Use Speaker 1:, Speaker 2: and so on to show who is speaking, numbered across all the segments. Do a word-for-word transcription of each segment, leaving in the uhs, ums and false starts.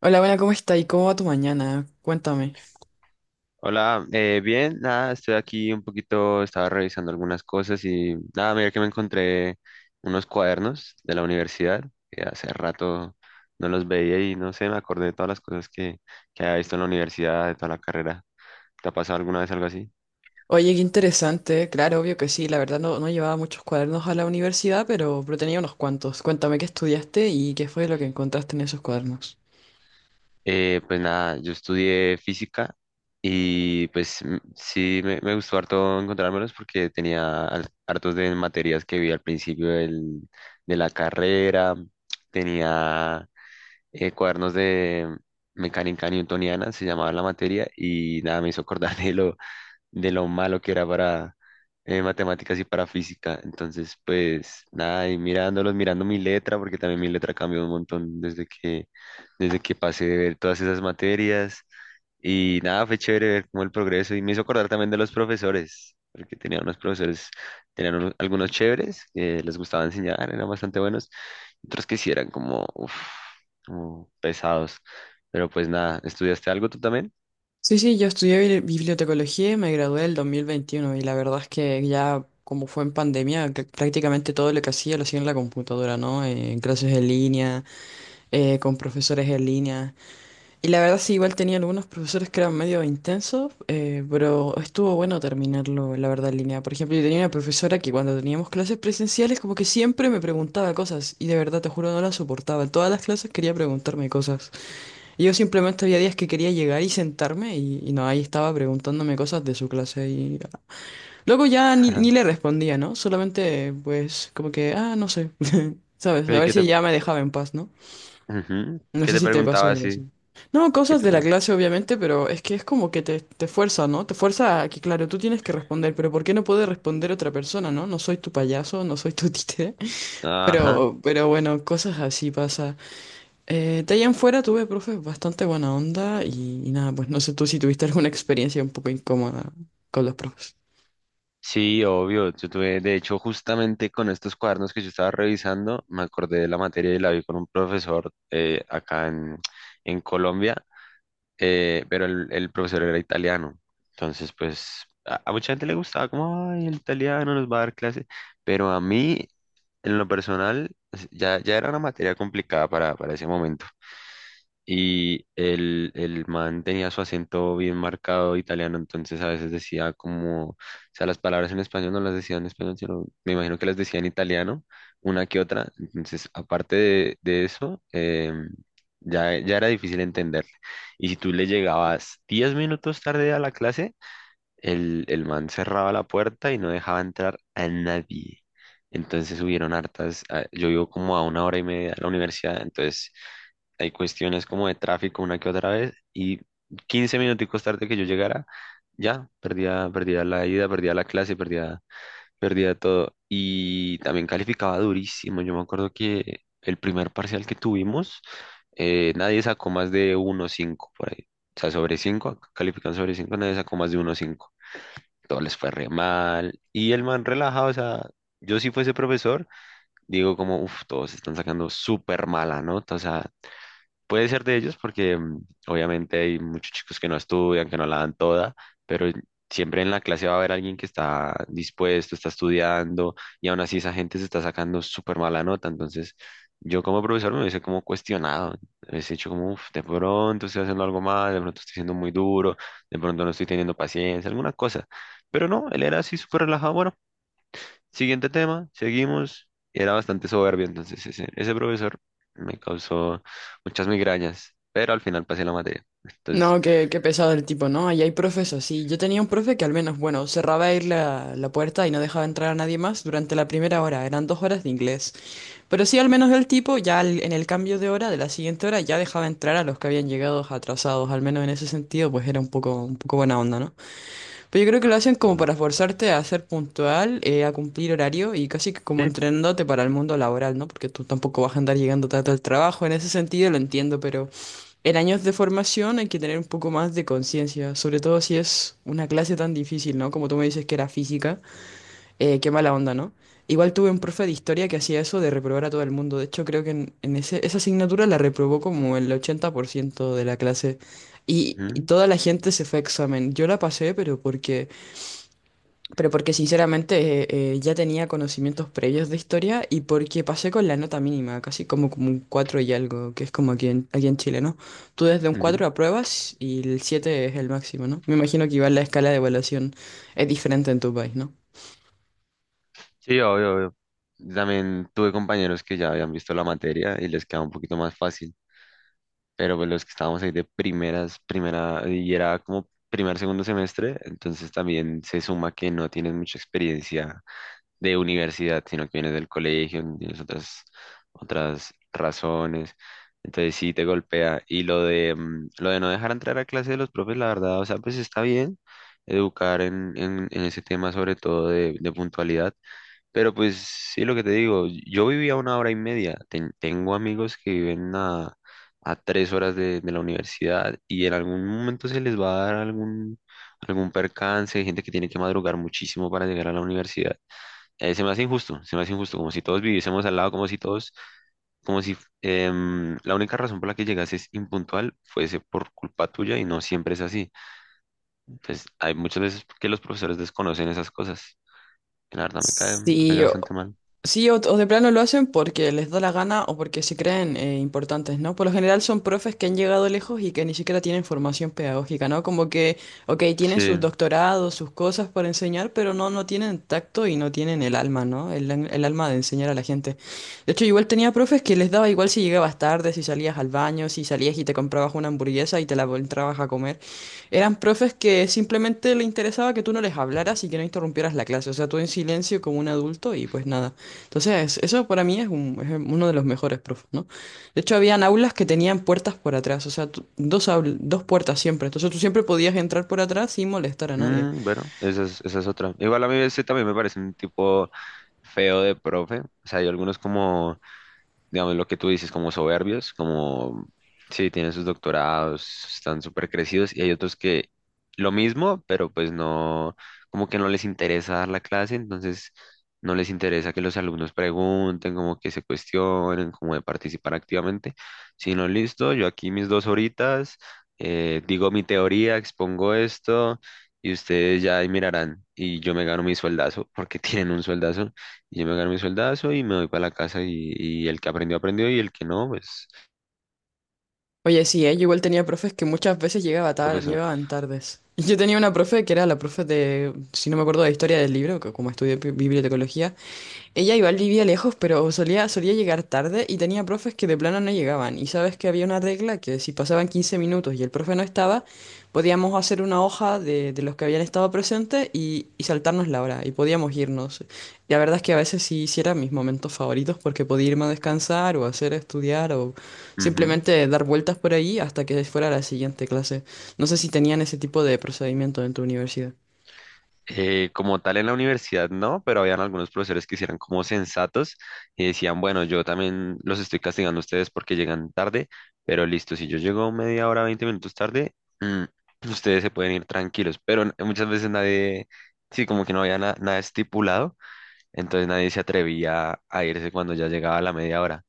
Speaker 1: Hola, buena, ¿cómo está? ¿Y cómo va tu mañana? Cuéntame.
Speaker 2: Hola, eh, bien, nada, estoy aquí un poquito, estaba revisando algunas cosas y nada, mira que me encontré unos cuadernos de la universidad que hace rato no los veía y no sé, me acordé de todas las cosas que, que había visto en la universidad, de toda la carrera. ¿Te ha pasado alguna vez algo así?
Speaker 1: Oye, qué interesante. Claro, obvio que sí. La verdad no, no llevaba muchos cuadernos a la universidad, pero, pero tenía unos cuantos. Cuéntame qué estudiaste y qué fue lo que encontraste en esos cuadernos.
Speaker 2: Eh, pues nada, yo estudié física y pues m- sí me, me gustó harto encontrármelos porque tenía al- hartos de materias que vi al principio del- de la carrera, tenía eh, cuadernos de mecánica newtoniana, se llamaba la materia, y nada, me hizo acordar de lo, de lo malo que era para eh, matemáticas y para física. Entonces, pues nada, y mirándolos, mirando mi letra, porque también mi letra cambió un montón desde que, desde que pasé de ver todas esas materias. Y nada, fue chévere ver como el progreso y me hizo acordar también de los profesores, porque tenía unos profesores, tenían unos- algunos chéveres que les gustaba enseñar, eran bastante buenos, otros que sí eran como, uf, como pesados. Pero pues nada, ¿estudiaste algo tú también?
Speaker 1: Sí, sí, yo estudié bibli- bibliotecología y me gradué el dos mil veintiuno, y la verdad es que ya como fue en pandemia, que prácticamente todo lo que hacía lo hacía en la computadora, ¿no? Eh, En clases en línea, eh, con profesores en línea. Y la verdad sí, igual tenía algunos profesores que eran medio intensos, eh, pero estuvo bueno terminarlo, la verdad, en línea. Por ejemplo, yo tenía una profesora que cuando teníamos clases presenciales como que siempre me preguntaba cosas y de verdad, te juro, no la soportaba. En todas las clases quería preguntarme cosas. Y yo simplemente había días que quería llegar y sentarme y, y no, ahí estaba preguntándome cosas de su clase y luego ya ni, ni le respondía, ¿no? Solamente pues como que, ah, no sé, ¿sabes? A
Speaker 2: Oye,
Speaker 1: ver
Speaker 2: ¿Qué
Speaker 1: si
Speaker 2: te,
Speaker 1: ya me dejaba en paz, ¿no?
Speaker 2: ujú,
Speaker 1: No
Speaker 2: ¿qué
Speaker 1: sé
Speaker 2: te
Speaker 1: si te pasó
Speaker 2: preguntaba
Speaker 1: algo
Speaker 2: así?
Speaker 1: así. No,
Speaker 2: ¿Qué
Speaker 1: cosas
Speaker 2: te
Speaker 1: de la
Speaker 2: pregun-
Speaker 1: clase, obviamente, pero es que es como que te, te fuerza, ¿no? Te fuerza a que, claro, tú tienes que responder, pero ¿por qué no puede responder otra persona, ¿no? No soy tu payaso, no soy tu títere.
Speaker 2: Ajá.
Speaker 1: Pero, pero bueno, cosas así pasa. Eh, de ahí en fuera tuve profes bastante buena onda y, y nada, pues no sé tú si tuviste alguna experiencia un poco incómoda con los profes.
Speaker 2: Sí, obvio. Yo tuve, de hecho, justamente con estos cuadernos que yo estaba revisando, me acordé de la materia y la vi con un profesor eh, acá en, en Colombia, eh, pero el, el profesor era italiano. Entonces, pues a, a mucha gente le gustaba como, ay, el italiano nos va a dar clase, pero a mí, en lo personal, es- ya, ya era una materia complicada para, para ese momento. Y el, el man tenía su acento bien marcado italiano, entonces a veces decía como, o sea, las palabras en español no las decía en español, sino me imagino que las decía en italiano, una que otra. Entonces, aparte de, de eso, em, ya, ya era difícil entenderle. Y si tú le llegabas diez minutos tarde a la clase, el, el man cerraba la puerta y no dejaba entrar a nadie. Entonces hubieron hartas, ah, yo vivo como a una hora y media a la universidad, entonces hay cuestiones como de tráfico una que otra vez, y quince minuticos tarde que yo llegara, ya perdía, perdía la ida, perdía la clase, perdía, perdía todo. Y también calificaba durísimo. Yo me acuerdo que el primer parcial que tuvimos, eh, nadie sacó más de uno punto cinco por ahí. O sea, sobre cinco califican, sobre cinco nadie sacó más de uno punto cinco. Todo les fue re mal. Y el man relajado, o sea, yo si fuese profesor, digo como, uff, todos están sacando súper mala nota. O sea, puede ser de ellos porque mm, obviamente hay muchos chicos que no estudian, que no la dan toda, pero siempre en la clase va a haber alguien que está dispuesto, está estudiando, y aún así esa gente se está sacando súper mala nota. Entonces yo como profesor me hubiese como cuestionado, me hubiese dicho como, "Uf, de pronto estoy haciendo algo mal, de pronto estoy siendo muy duro, de pronto no estoy teniendo paciencia, alguna cosa." Pero no, él era así súper relajado, bueno, siguiente tema, seguimos. Y era bastante soberbio, entonces ese, ese profesor me causó muchas migrañas, pero al final pasé la materia. Entonces,
Speaker 1: No, qué, qué pesado el tipo, ¿no? Ahí hay profes así. Yo tenía un profe que al menos, bueno, cerraba ahí la, la puerta y no dejaba entrar a nadie más durante la primera hora. Eran dos horas de inglés. Pero sí, al menos el tipo, ya al- en el cambio de hora, de la siguiente hora, ya dejaba entrar a los que habían llegado atrasados. Al menos en ese sentido, pues era un poco, un poco buena onda, ¿no? Pero yo creo que lo hacen como
Speaker 2: ah,
Speaker 1: para forzarte a ser puntual, eh, a cumplir horario y casi que
Speaker 2: sí,
Speaker 1: como entrenándote para el mundo laboral, ¿no? Porque tú tampoco vas a andar llegando tarde al trabajo. En ese sentido lo entiendo, pero en años de formación hay que tener un poco más de conciencia, sobre todo si es una clase tan difícil, ¿no? Como tú me dices que era física, eh, qué mala onda, ¿no? Igual tuve un profe de historia que hacía eso de reprobar a todo el mundo. De hecho, creo que en, en ese, esa asignatura la reprobó como el ochenta por ciento de la clase. Y, y
Speaker 2: ujú,
Speaker 1: toda la gente se fue a examen. Yo la pasé, pero porque pero porque sinceramente eh, eh, ya tenía conocimientos previos de historia y porque pasé con la nota mínima, casi como, como un cuatro y algo, que es como aquí en, aquí en Chile, ¿no? Tú desde un
Speaker 2: ujú.
Speaker 1: cuatro apruebas y el siete es el máximo, ¿no? Me imagino que igual la escala de evaluación es diferente en tu país, ¿no?
Speaker 2: Sí, obvio, obvio. También tuve compañeros que ya habían visto la materia y les quedaba un poquito más fácil, pero pues los que estábamos ahí de primeras, primera, y era como primer, segundo semestre, entonces también se suma que no tienen mucha experiencia de universidad, sino que vienes del colegio, tienes otras, otras razones. Entonces sí te golpea. Y lo de, mm, lo de no dejar entrar a clase de los profes, la verdad, o sea, pues está bien educar en, en, en ese tema, sobre todo de, de puntualidad. Pero pues sí, lo que te digo, yo vivía una hora y media. Ten- tengo amigos que viven a, a tres horas de, de la universidad, y en algún momento se les va a dar algún, algún percance, hay gente que tiene que madrugar muchísimo para llegar a la universidad. Eh, se me hace injusto, se me hace injusto, como si todos viviésemos al lado, como si todos, como si em, la única razón por la que llegases impuntual fuese por culpa tuya, y no siempre es así. Entonces, hay muchas veces que los profesores desconocen esas cosas. Y la verdad me cae, me
Speaker 1: Sí,
Speaker 2: cayó bastante mal.
Speaker 1: sí, o, o de plano lo hacen porque les da la gana o porque se creen eh, importantes, ¿no? Por lo general son profes que han llegado lejos y que ni siquiera tienen formación pedagógica, ¿no? Como que, ok, tienen sus
Speaker 2: Sí.
Speaker 1: doctorados, sus cosas para enseñar, pero no, no tienen tacto y no tienen el alma, ¿no? El, an- el alma de enseñar a la gente. De hecho, igual tenía profes que les daba igual si llegabas tarde, si salías al baño, si salías y te comprabas una hamburguesa y te la entrabas a comer. Eran profes que simplemente le interesaba que tú no les hablaras y que no interrumpieras la clase, o sea, tú en silencio como un adulto y pues nada. Entonces, eso para mí es, un- es uno de los mejores profes, ¿no? De hecho, habían aulas que tenían puertas por atrás, o sea, tú- dos, aul- dos puertas siempre. Entonces, tú siempre podías entrar por atrás sin molestar a nadie.
Speaker 2: Mm, bueno, esa es, esa es otra. Igual a mí ese también me parece un tipo feo de profe. O sea, hay algunos como digamos, lo que tú dices, como soberbios, como, sí, tienen sus doctorados, están súper crecidos, y hay otros que lo mismo, pero pues no, como que no les interesa dar la clase, entonces no les interesa que los alumnos pregunten, como que se cuestionen, como de participar activamente, sino listo, yo aquí mis dos horitas, eh, digo mi teoría, expongo esto. Y ustedes ya ahí mirarán, y yo me gano mi sueldazo, porque tienen un sueldazo, y yo me gano mi sueldazo y me voy para la casa, y, y el que aprendió, aprendió, y el que no, pues,
Speaker 1: Oye, sí, ¿eh? Yo igual tenía profes que muchas veces llegaba tar-
Speaker 2: profesor.
Speaker 1: llegaban tardes. Yo tenía una profe que era la profe de, si no me acuerdo, de historia del libro, que como estudié bi- bibliotecología. Ella igual vivía lejos, pero solía, solía llegar tarde y tenía profes que de plano no llegaban. Y sabes que había una regla que si pasaban quince minutos y el profe no estaba, podíamos hacer una hoja de, de los que habían estado presentes y, y saltarnos la hora y podíamos irnos. La verdad es que a veces sí, sí eran mis momentos favoritos porque podía irme a descansar o hacer estudiar o
Speaker 2: Ujú.
Speaker 1: simplemente dar vueltas por ahí hasta que fuera la siguiente clase. No sé si tenían ese tipo de procedimiento en tu universidad.
Speaker 2: Eh, como tal en la universidad no, pero habían algunos profesores que sí eran como sensatos y decían, bueno, yo también los estoy castigando a ustedes porque llegan tarde, pero listo, si yo llego media hora, veinte minutos tarde, mm, ustedes se pueden ir tranquilos. Pero n- muchas veces nadie, sí, como que no había na- nada estipulado. Entonces nadie se atrevía a irse cuando ya llegaba la media hora.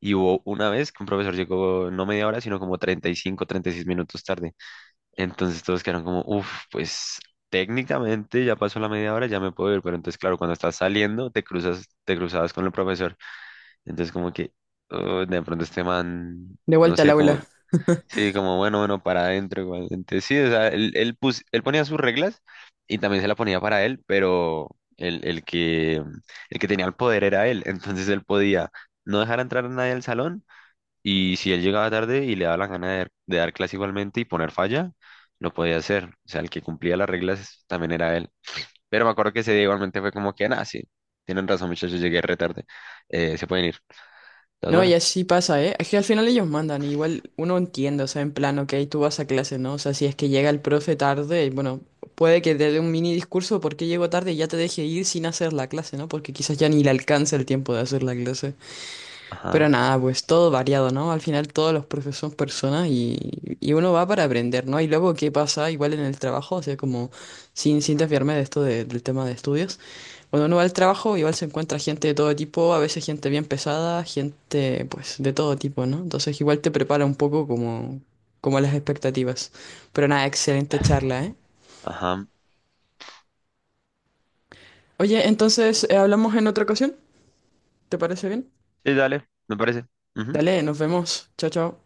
Speaker 2: Y hubo una vez que un profesor llegó no media hora, sino como treinta, treinta y cinco, treinta y seis minutos tarde. Entonces todos quedaron como, uff, pues técnicamente ya pasó la media hora, ya me puedo ir. Pero entonces, claro, cuando estás saliendo, te cruzas, te cruzabas con el profesor. Entonces como que, "Oh, de pronto este man,
Speaker 1: De
Speaker 2: no
Speaker 1: vuelta al
Speaker 2: sé, como..."
Speaker 1: aula.
Speaker 2: Sí, como bueno, bueno, para adentro igualmente. Sí, o sea, él, él, pus- él ponía sus reglas y también se la ponía para él, pero el, el que, el que tenía el poder era él. Entonces él podía no dejar entrar a nadie al salón, y si él llegaba tarde y le daba la gana de, de dar clase igualmente y poner falla, lo podía hacer. O sea, el que cumplía las reglas también era él. Pero me acuerdo que ese día igualmente fue como que, nada, sí, tienen razón, muchachos, llegué re tarde. Eh, se pueden ir. Entonces,
Speaker 1: No, y
Speaker 2: bueno,
Speaker 1: así pasa, ¿eh? Es que al final ellos mandan, igual uno entiende, o sea, en plan, ok, tú vas a clase, ¿no? O sea, si es que llega el profe tarde, bueno, puede que te dé un mini discurso porque llegó tarde y ya te deje ir sin hacer la clase, ¿no? Porque quizás ya ni le alcanza el tiempo de hacer la clase. Pero
Speaker 2: ajá,
Speaker 1: nada, pues todo variado, ¿no? Al final todos los profes son personas y, y uno va para aprender, ¿no? Y luego, ¿qué pasa? Igual en el trabajo, o sea, como sin, sin desviarme de esto de- del tema de estudios, cuando uno va al trabajo, igual se encuentra gente de todo tipo, a veces gente bien pesada, gente pues de todo tipo, ¿no? Entonces igual te prepara un poco como, como las expectativas. Pero nada, excelente charla, ¿eh?
Speaker 2: ajá.
Speaker 1: Oye, entonces eh, hablamos en otra ocasión, ¿te parece bien?
Speaker 2: Sí, dale, me parece. Ujú.
Speaker 1: Dale, nos vemos. Chao, chao.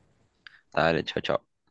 Speaker 2: Dale, chao, chao.